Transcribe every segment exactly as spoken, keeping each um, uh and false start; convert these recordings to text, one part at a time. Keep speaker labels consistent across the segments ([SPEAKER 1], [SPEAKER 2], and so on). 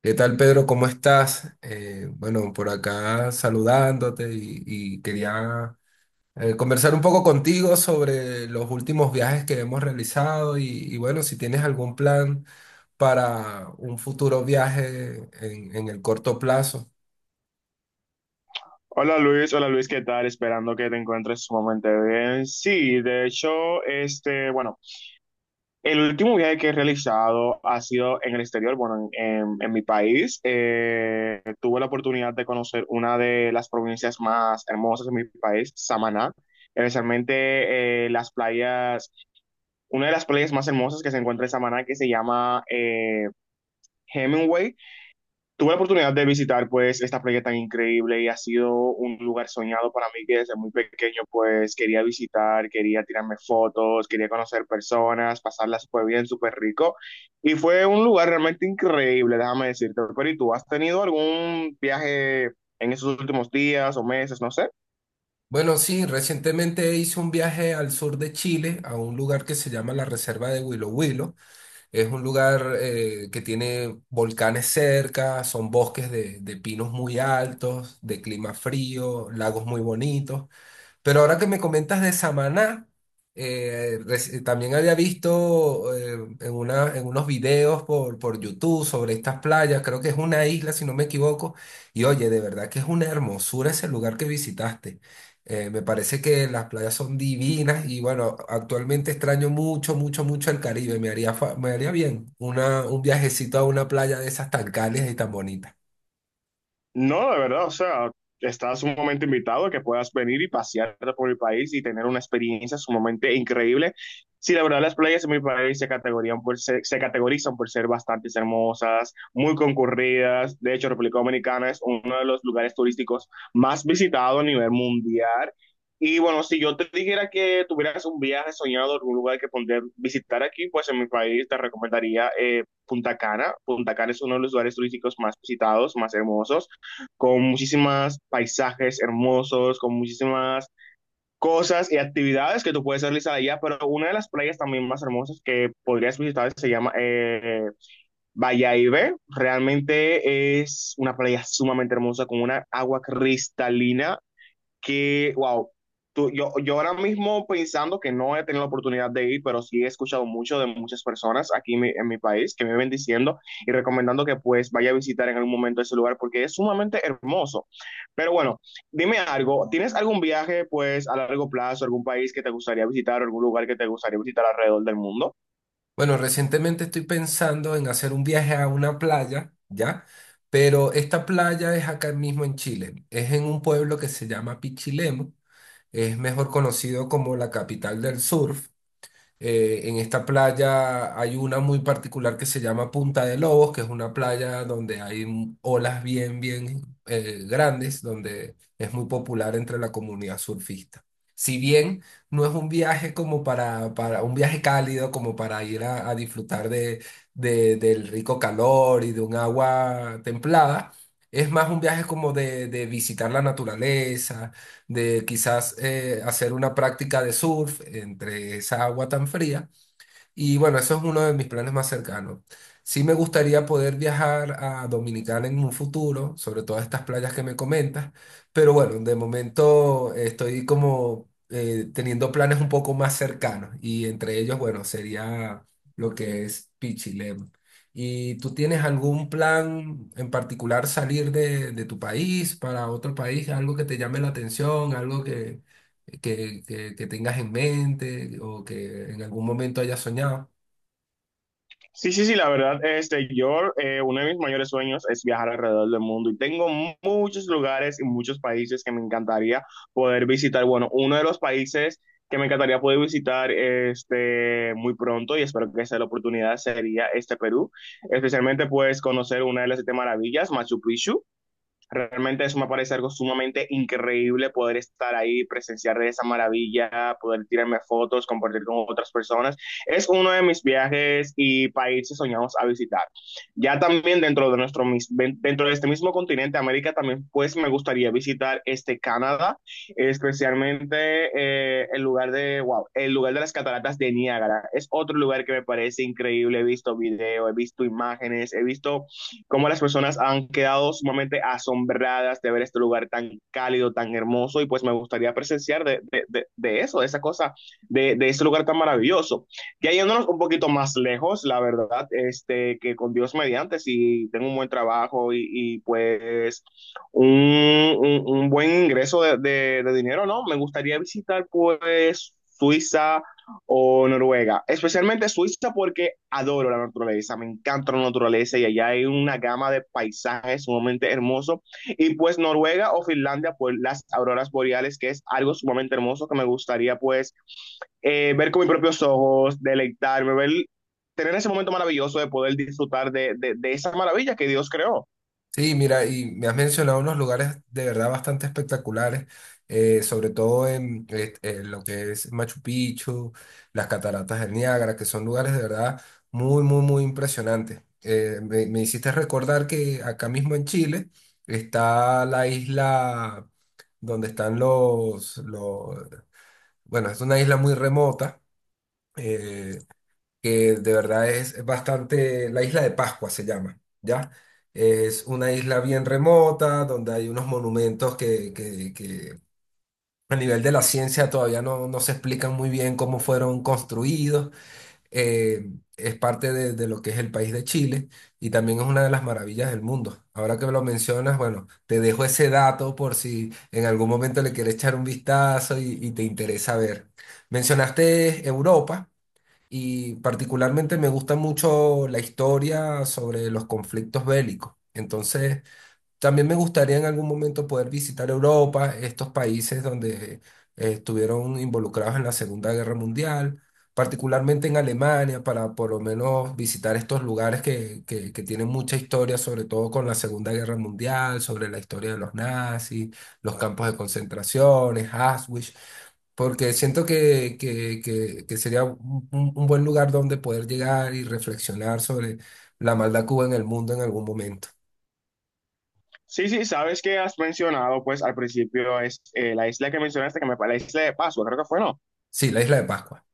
[SPEAKER 1] ¿Qué tal, Pedro? ¿Cómo estás? Eh, bueno, por acá saludándote y, y quería eh, conversar un poco contigo sobre los últimos viajes que hemos realizado y, y bueno, si tienes algún plan para un futuro viaje en, en el corto plazo.
[SPEAKER 2] Hola Luis, hola Luis, ¿qué tal? Esperando que te encuentres sumamente bien. Sí, de hecho, este, bueno, el último viaje que he realizado ha sido en el exterior, bueno, en, en- en mi país. Eh, tuve la oportunidad de conocer una de las provincias más hermosas de mi país, Samaná, especialmente eh, las playas, una de las playas más hermosas que se encuentra en Samaná, que se llama eh, Hemingway. Tuve la oportunidad de visitar pues esta playa tan increíble y ha sido un lugar soñado para mí que desde muy pequeño pues quería visitar, quería tirarme fotos, quería conocer personas, pasarla súper bien, súper rico y fue un lugar realmente increíble, déjame decirte. Pero ¿y tú has tenido algún viaje en esos últimos días o meses, no sé?
[SPEAKER 1] Bueno, sí, recientemente hice un viaje al sur de Chile, a un lugar que se llama la Reserva de Huilo Huilo. Es un lugar eh, que tiene volcanes cerca, son bosques de, de pinos muy altos, de clima frío, lagos muy bonitos. Pero ahora que me comentas de Samaná, eh, reci- también había visto eh, en una, en unos videos por, por YouTube sobre estas playas, creo que es una isla, si no me equivoco, y oye, de verdad que es una hermosura ese lugar que visitaste. Eh, me parece que las playas son divinas y bueno, actualmente extraño mucho, mucho, mucho el Caribe. Me haría, fa- me haría bien una, un viajecito a una playa de esas tan cálidas y tan bonitas.
[SPEAKER 2] No, de verdad, o sea, estás sumamente invitado a que puedas venir y pasear por el país y tener una experiencia sumamente increíble. Sí, la verdad, las playas en mi país se categorían por ser- se categorizan por ser bastante hermosas, muy concurridas. De hecho, República Dominicana es uno de los lugares turísticos más visitados a nivel mundial. Y bueno, si yo te dijera que tuvieras un viaje soñado, algún lugar que poder visitar aquí, pues en mi país te recomendaría eh, Punta Cana. Punta Cana es uno de los lugares turísticos más visitados, más hermosos, con muchísimos paisajes hermosos, con muchísimas cosas y actividades que tú puedes realizar allá, pero una de las playas también más hermosas que podrías visitar se llama eh, Vallaibe. Realmente es una playa sumamente hermosa con una agua cristalina que, wow, tú, yo, yo ahora mismo pensando que no he tenido la oportunidad de ir, pero sí he escuchado mucho de muchas personas aquí en mi, en mi país que me ven diciendo y recomendando que pues vaya a visitar en algún momento ese lugar porque es sumamente hermoso. Pero bueno, dime algo, ¿tienes algún viaje pues a largo plazo, algún país que te gustaría visitar, algún lugar que te gustaría visitar alrededor del mundo?
[SPEAKER 1] Bueno, recientemente estoy pensando en hacer un viaje a una playa, ¿ya? Pero esta playa es acá mismo en Chile. Es en un pueblo que se llama Pichilemu. Es mejor conocido como la capital del surf. Eh, en esta playa hay una muy particular que se llama Punta de Lobos, que es una playa donde hay m- olas bien, bien eh, grandes, donde es muy popular entre la comunidad surfista. Si bien no es un viaje como para, para un viaje cálido, como para ir a, a disfrutar de, de- del rico calor y de un agua templada, es más un viaje como de, de visitar la naturaleza de quizás eh, hacer una práctica de surf entre esa agua tan fría y bueno, eso es uno de mis planes más cercanos. Sí me gustaría poder viajar a Dominicana en un futuro, sobre todas estas playas que me comentas, pero bueno, de momento eh, estoy como eh, teniendo planes un poco más cercanos y entre ellos, bueno, sería lo que es Pichilemu. ¿Y tú tienes algún plan en particular salir de, de tu país para otro país, algo que te llame la atención, algo que, que- que tengas en mente o que en algún momento hayas soñado?
[SPEAKER 2] Sí, sí, sí, la verdad, este, yo, eh, uno de mis mayores sueños es viajar alrededor del mundo y tengo mu- muchos lugares y muchos países que me encantaría poder visitar. Bueno, uno de los países que me encantaría poder visitar este, muy pronto y espero que sea la oportunidad sería este Perú, especialmente pues conocer una de las siete maravillas, Machu Picchu. Realmente eso me parece algo sumamente increíble poder estar ahí, presenciar esa maravilla, poder tirarme fotos, compartir con otras personas. Es uno de mis viajes y países soñados a visitar. Ya también dentro de nuestro mis- dentro de este mismo continente, América, también pues me gustaría visitar este Canadá, especialmente eh, el lugar de, wow, el lugar de las cataratas de Niágara. Es otro lugar que me parece increíble. He visto video, he visto imágenes, he visto cómo las personas han quedado sumamente asombradas de ver este lugar tan cálido, tan hermoso, y pues me gustaría presenciar de, de, de, de eso, de esa cosa, de, de ese lugar tan maravilloso. Ya yéndonos un poquito más lejos, la verdad, este, que con Dios mediante, si tengo un buen trabajo y, y pues un, un, un, buen ingreso de, de de dinero, ¿no? Me gustaría visitar pues Suiza, o Noruega, especialmente Suiza porque adoro la naturaleza, me encanta la naturaleza y allá hay una gama de paisajes sumamente hermosos y pues Noruega o Finlandia por las auroras boreales que es algo sumamente hermoso que me gustaría pues eh, ver con mis propios ojos, deleitarme, ver, tener ese momento maravilloso de poder disfrutar de, de, de esa maravilla que Dios creó.
[SPEAKER 1] Sí, mira, y me has mencionado unos lugares de verdad bastante espectaculares, eh, sobre todo en, eh, en lo que es Machu Picchu, las cataratas del Niágara, que son lugares de verdad muy, muy, muy impresionantes. Eh, me, me hiciste recordar que acá mismo en Chile está la isla donde están los, los, bueno, es una isla muy remota. eh, que de verdad es, es bastante, la isla de Pascua se llama, ¿ya? Es una isla bien remota, donde hay unos monumentos que, que- que a nivel de la ciencia todavía no, no se explican muy bien cómo fueron construidos. Eh, es parte de, de lo que es el país de Chile y también es una de las maravillas del mundo. Ahora que me lo mencionas, bueno, te dejo ese dato por si en algún momento le quieres echar un vistazo y y te interesa ver. Mencionaste Europa. Y particularmente me gusta mucho la historia sobre los conflictos bélicos. Entonces, también me gustaría en algún momento poder visitar Europa, estos países donde eh, estuvieron involucrados en la Segunda Guerra Mundial, particularmente en Alemania, para por lo menos visitar estos lugares que, que, que tienen mucha historia, sobre todo con la Segunda Guerra Mundial, sobre la historia de los nazis, los campos de concentraciones, Auschwitz, porque siento que, que, que- que sería un, un- un buen lugar donde poder llegar y reflexionar sobre la maldad que hubo en el mundo en algún momento.
[SPEAKER 2] Sí, sí, sabes que has mencionado pues al principio es eh, la isla que mencionaste, que me, la isla de Pascua, creo que fue, ¿no?
[SPEAKER 1] Sí, la isla de Pascua.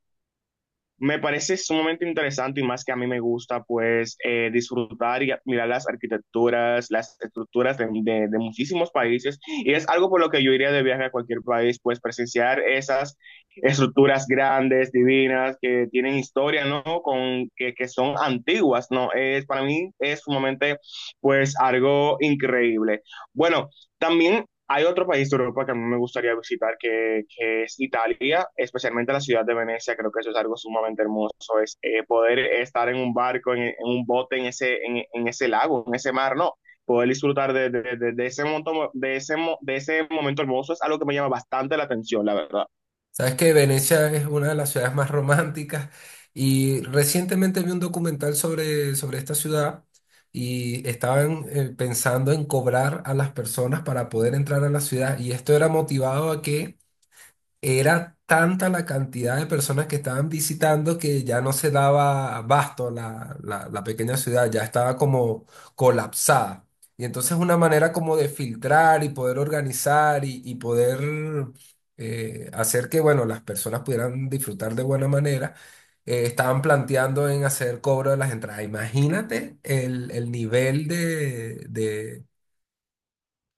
[SPEAKER 2] Me parece sumamente interesante y más que a mí me gusta, pues, eh, disfrutar y mirar las arquitecturas, las estructuras de, de- de muchísimos países. Y es algo por lo que yo iría de viaje a cualquier país, pues, presenciar esas estructuras grandes, divinas, que tienen historia, ¿no? Con, que, que son antiguas, ¿no? Es, para mí es sumamente, pues, algo increíble. Bueno, también hay otro país de Europa que a mí me gustaría visitar, que, que es Italia, especialmente la ciudad de Venecia. Creo que eso es algo sumamente hermoso, es eh, poder estar en un barco, en, en un bote, en ese, en, en ese lago, en ese mar, no. Poder disfrutar de, de, de- de ese monto- de ese, mo- de ese momento hermoso es algo que me llama bastante la atención, la verdad.
[SPEAKER 1] Sabes que Venecia es una de las ciudades más románticas y recientemente vi un documental sobre, sobre esta ciudad y estaban eh, pensando en cobrar a las personas para poder entrar a la ciudad y esto era motivado a que era tanta la cantidad de personas que estaban visitando que ya no se daba abasto la, la- la pequeña ciudad, ya estaba como colapsada. Y entonces una manera como de filtrar y poder organizar y, y poder eh, hacer que, bueno, las personas pudieran disfrutar de buena manera, eh, estaban planteando en hacer cobro de las entradas. Imagínate el, el nivel de,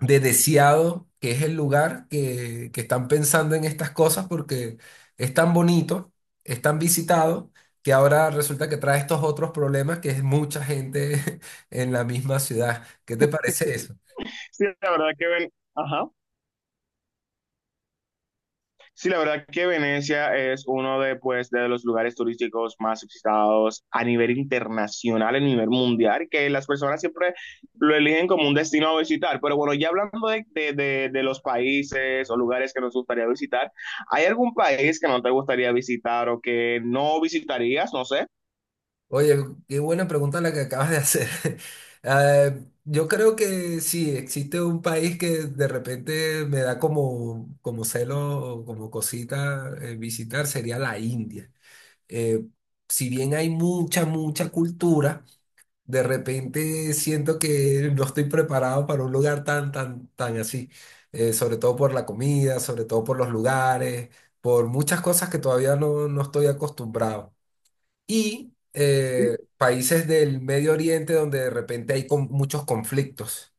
[SPEAKER 1] de Deseado, que es el lugar que, que están pensando en estas cosas porque es tan bonito, es tan visitado, que ahora resulta que trae estos otros problemas que es mucha gente en la misma ciudad. ¿Qué te parece eso?
[SPEAKER 2] Sí, la verdad que ven. Ajá. Sí, la verdad que Venecia es uno de, pues, de los lugares turísticos más visitados a nivel internacional, a nivel mundial, que las personas siempre lo eligen como un destino a visitar. Pero bueno, ya hablando de, de, de- de los países o lugares que nos gustaría visitar, ¿hay algún país que no te gustaría visitar o que no visitarías? No sé.
[SPEAKER 1] Oye, qué buena pregunta la que acabas de hacer. Eh, yo creo que sí, existe un país que de repente me da como, como celo o como cosita eh, visitar, sería la India. eh, si bien hay mucha, mucha cultura, de repente siento que no estoy preparado para un lugar tan, tan, tan así. Eh, sobre todo por la comida, sobre todo por los lugares, por muchas cosas que todavía no, no estoy acostumbrado y eh, países del Medio Oriente donde de repente hay con- muchos conflictos.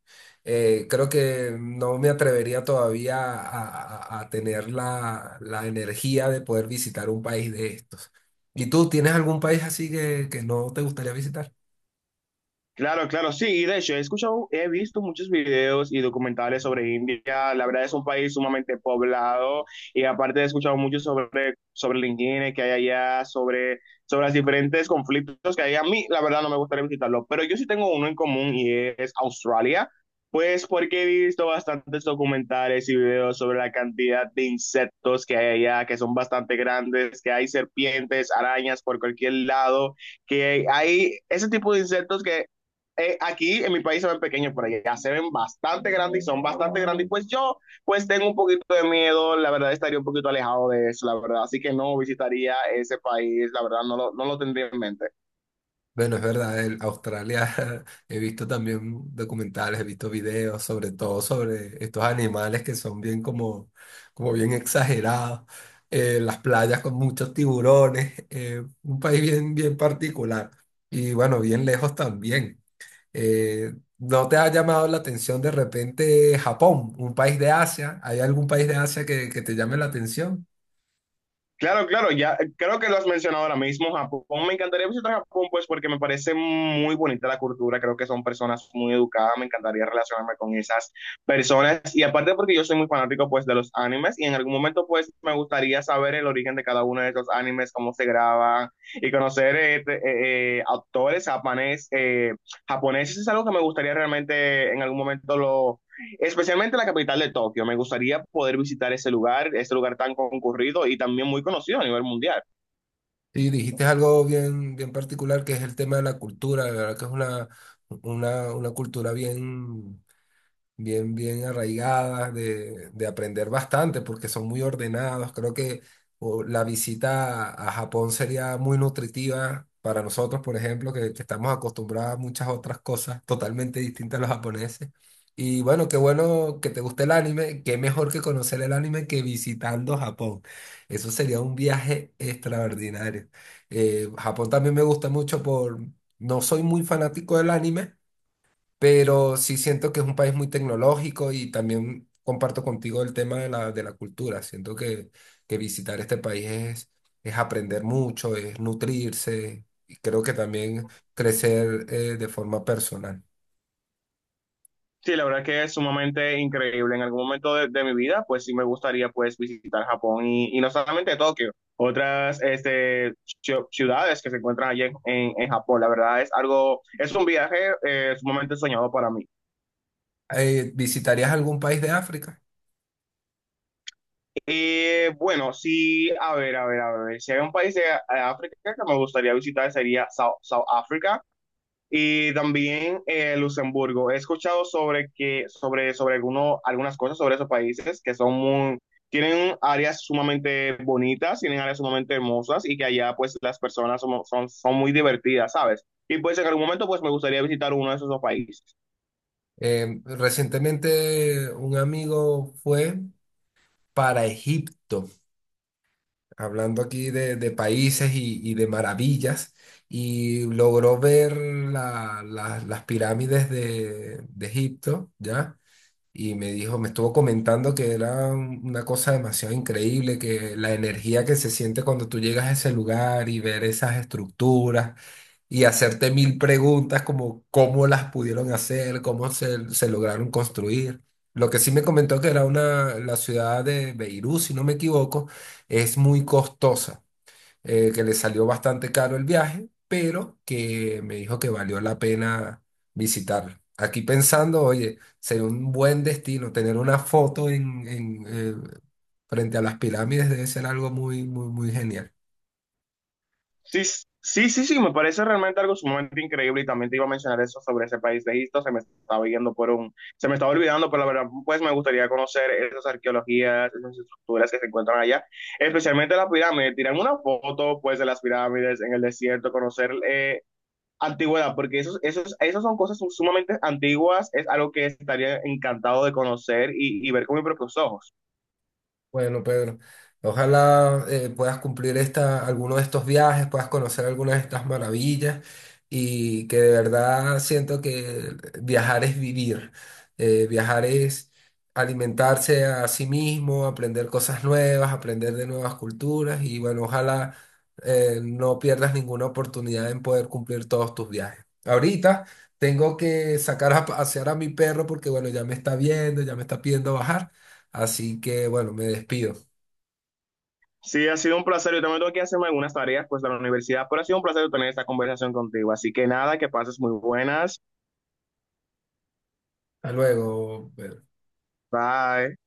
[SPEAKER 1] Eh, creo que no me atrevería todavía a, a- a tener la, la energía de poder visitar un país de estos. ¿Y tú tienes algún país así que, que no te gustaría visitar?
[SPEAKER 2] Claro, claro, sí, y de hecho he escuchado, he visto muchos videos y documentales sobre India, la verdad es un país sumamente poblado y aparte he escuchado mucho sobre, sobre la higiene que hay allá, sobre, sobre los diferentes conflictos que hay a mí, la verdad no me gustaría visitarlo, pero yo sí tengo uno en común y es Australia, pues porque he visto bastantes documentales y videos sobre la cantidad de insectos que hay allá, que son bastante grandes, que hay serpientes, arañas por cualquier lado que hay ese tipo de insectos que eh, aquí en mi país se ven pequeños, pero allá se ven bastante grandes y son bastante grandes. Y pues yo, pues tengo un poquito de miedo, la verdad estaría un poquito alejado de eso, la verdad. Así que no visitaría ese país, la verdad no lo, no lo tendría en mente.
[SPEAKER 1] Bueno, es verdad, en Australia he visto también documentales, he visto videos, sobre todo sobre estos animales que son bien como, como bien exagerados, eh, las playas con muchos tiburones, eh, un país bien, bien particular y bueno, bien lejos también. Eh, ¿no te ha llamado la atención de repente Japón, un país de Asia? ¿Hay algún país de Asia que, que te llame la atención?
[SPEAKER 2] Claro, claro, ya creo que lo has mencionado ahora mismo, Japón. Me encantaría visitar Japón, pues porque me parece muy bonita la cultura, creo que son personas muy educadas, me encantaría relacionarme con esas personas y aparte porque yo soy muy fanático pues de los animes y en algún momento pues me gustaría saber el origen de cada uno de esos animes, cómo se graban y conocer eh, eh, eh, autores japonés, eh, japoneses es algo que me gustaría realmente en algún momento lo, especialmente la capital de Tokio. Me gustaría poder visitar ese lugar, ese lugar tan concurrido y también muy conocido a nivel mundial.
[SPEAKER 1] Sí, dijiste algo bien, bien particular que es el tema de la cultura, de verdad que es una, una, una cultura bien, bien, bien arraigadas, de, de aprender bastante, porque son muy ordenados. Creo que o, la visita a, a Japón sería muy nutritiva para nosotros, por ejemplo, que, que estamos acostumbrados a muchas otras cosas totalmente distintas a los japoneses. Y bueno, qué bueno que te guste el anime, qué mejor que conocer el anime que visitando Japón. Eso sería un viaje extraordinario. Eh, Japón también me gusta mucho por... No soy muy fanático del anime, pero sí siento que es un país muy tecnológico y también comparto contigo el tema de la, de la cultura. Siento que, que visitar este país es, es aprender mucho, es nutrirse y creo que también crecer eh, de forma personal.
[SPEAKER 2] Sí, la verdad que es sumamente increíble. En algún momento de, de mi vida, pues sí me gustaría pues visitar Japón y, y no solamente Tokio, otras este, ci- ciudades que se encuentran allí en, en, en Japón. La verdad es algo, es un viaje eh, sumamente soñado para mí.
[SPEAKER 1] Eh, ¿visitarías algún país de África?
[SPEAKER 2] Eh, bueno, sí, a ver, a ver, a ver. Si hay un país de eh, África que me gustaría visitar sería South, South Africa. Y también eh, Luxemburgo. He escuchado sobre que, sobre, sobre alguno, algunas cosas sobre esos países que son muy, tienen áreas sumamente bonitas, tienen áreas sumamente hermosas y que allá pues las personas son, son, son muy divertidas, ¿sabes? Y pues en algún momento pues me gustaría visitar uno de esos dos países.
[SPEAKER 1] Eh, recientemente un amigo fue para Egipto, hablando aquí de, de países y, y de maravillas, y logró ver la- la- las pirámides de, de Egipto, ¿ya? Y me dijo, me estuvo comentando que era un- una cosa demasiado increíble, que la energía que se siente cuando tú llegas a ese lugar y ver esas estructuras y hacerte mil preguntas como cómo las pudieron hacer, cómo se, se lograron construir. Lo que sí me comentó que era una, la ciudad de Beirut, si no me equivoco, es muy costosa, eh, que le salió bastante caro el viaje, pero que me dijo que valió la pena visitarla. Aquí pensando, oye, sería un buen destino tener una foto en, en, eh, frente a las pirámides debe ser algo muy, muy, muy genial.
[SPEAKER 2] Sí, s- sí, sí, sí, me parece realmente algo sumamente increíble y también te iba a mencionar eso sobre ese país de Egipto, se me estaba yendo por un, se me estaba olvidando, pero la verdad, pues me gustaría conocer esas arqueologías, esas estructuras que se encuentran allá, especialmente las pirámides, tirar una foto pues de las pirámides en el desierto, conocer eh, antigüedad, porque esos, esos, esas son cosas sumamente antiguas, es algo que estaría encantado de conocer y, y ver con mis propios ojos.
[SPEAKER 1] Bueno, Pedro, ojalá eh, puedas cumplir esta, alguno de estos viajes, puedas conocer algunas de estas maravillas y que de verdad siento que viajar es vivir. Eh, viajar es alimentarse a sí mismo, aprender cosas nuevas, aprender de nuevas culturas y bueno, ojalá eh, no pierdas ninguna oportunidad en poder cumplir todos tus viajes. Ahorita tengo que sacar a pasear a mi perro porque bueno, ya me está viendo, ya me está pidiendo bajar. Así que bueno, me despido.
[SPEAKER 2] Sí, ha sido un placer. Yo también tengo que hacerme algunas tareas pues de la universidad, pero ha sido un placer tener esta conversación contigo. Así que nada, que pases muy buenas.
[SPEAKER 1] Hasta luego.
[SPEAKER 2] Bye.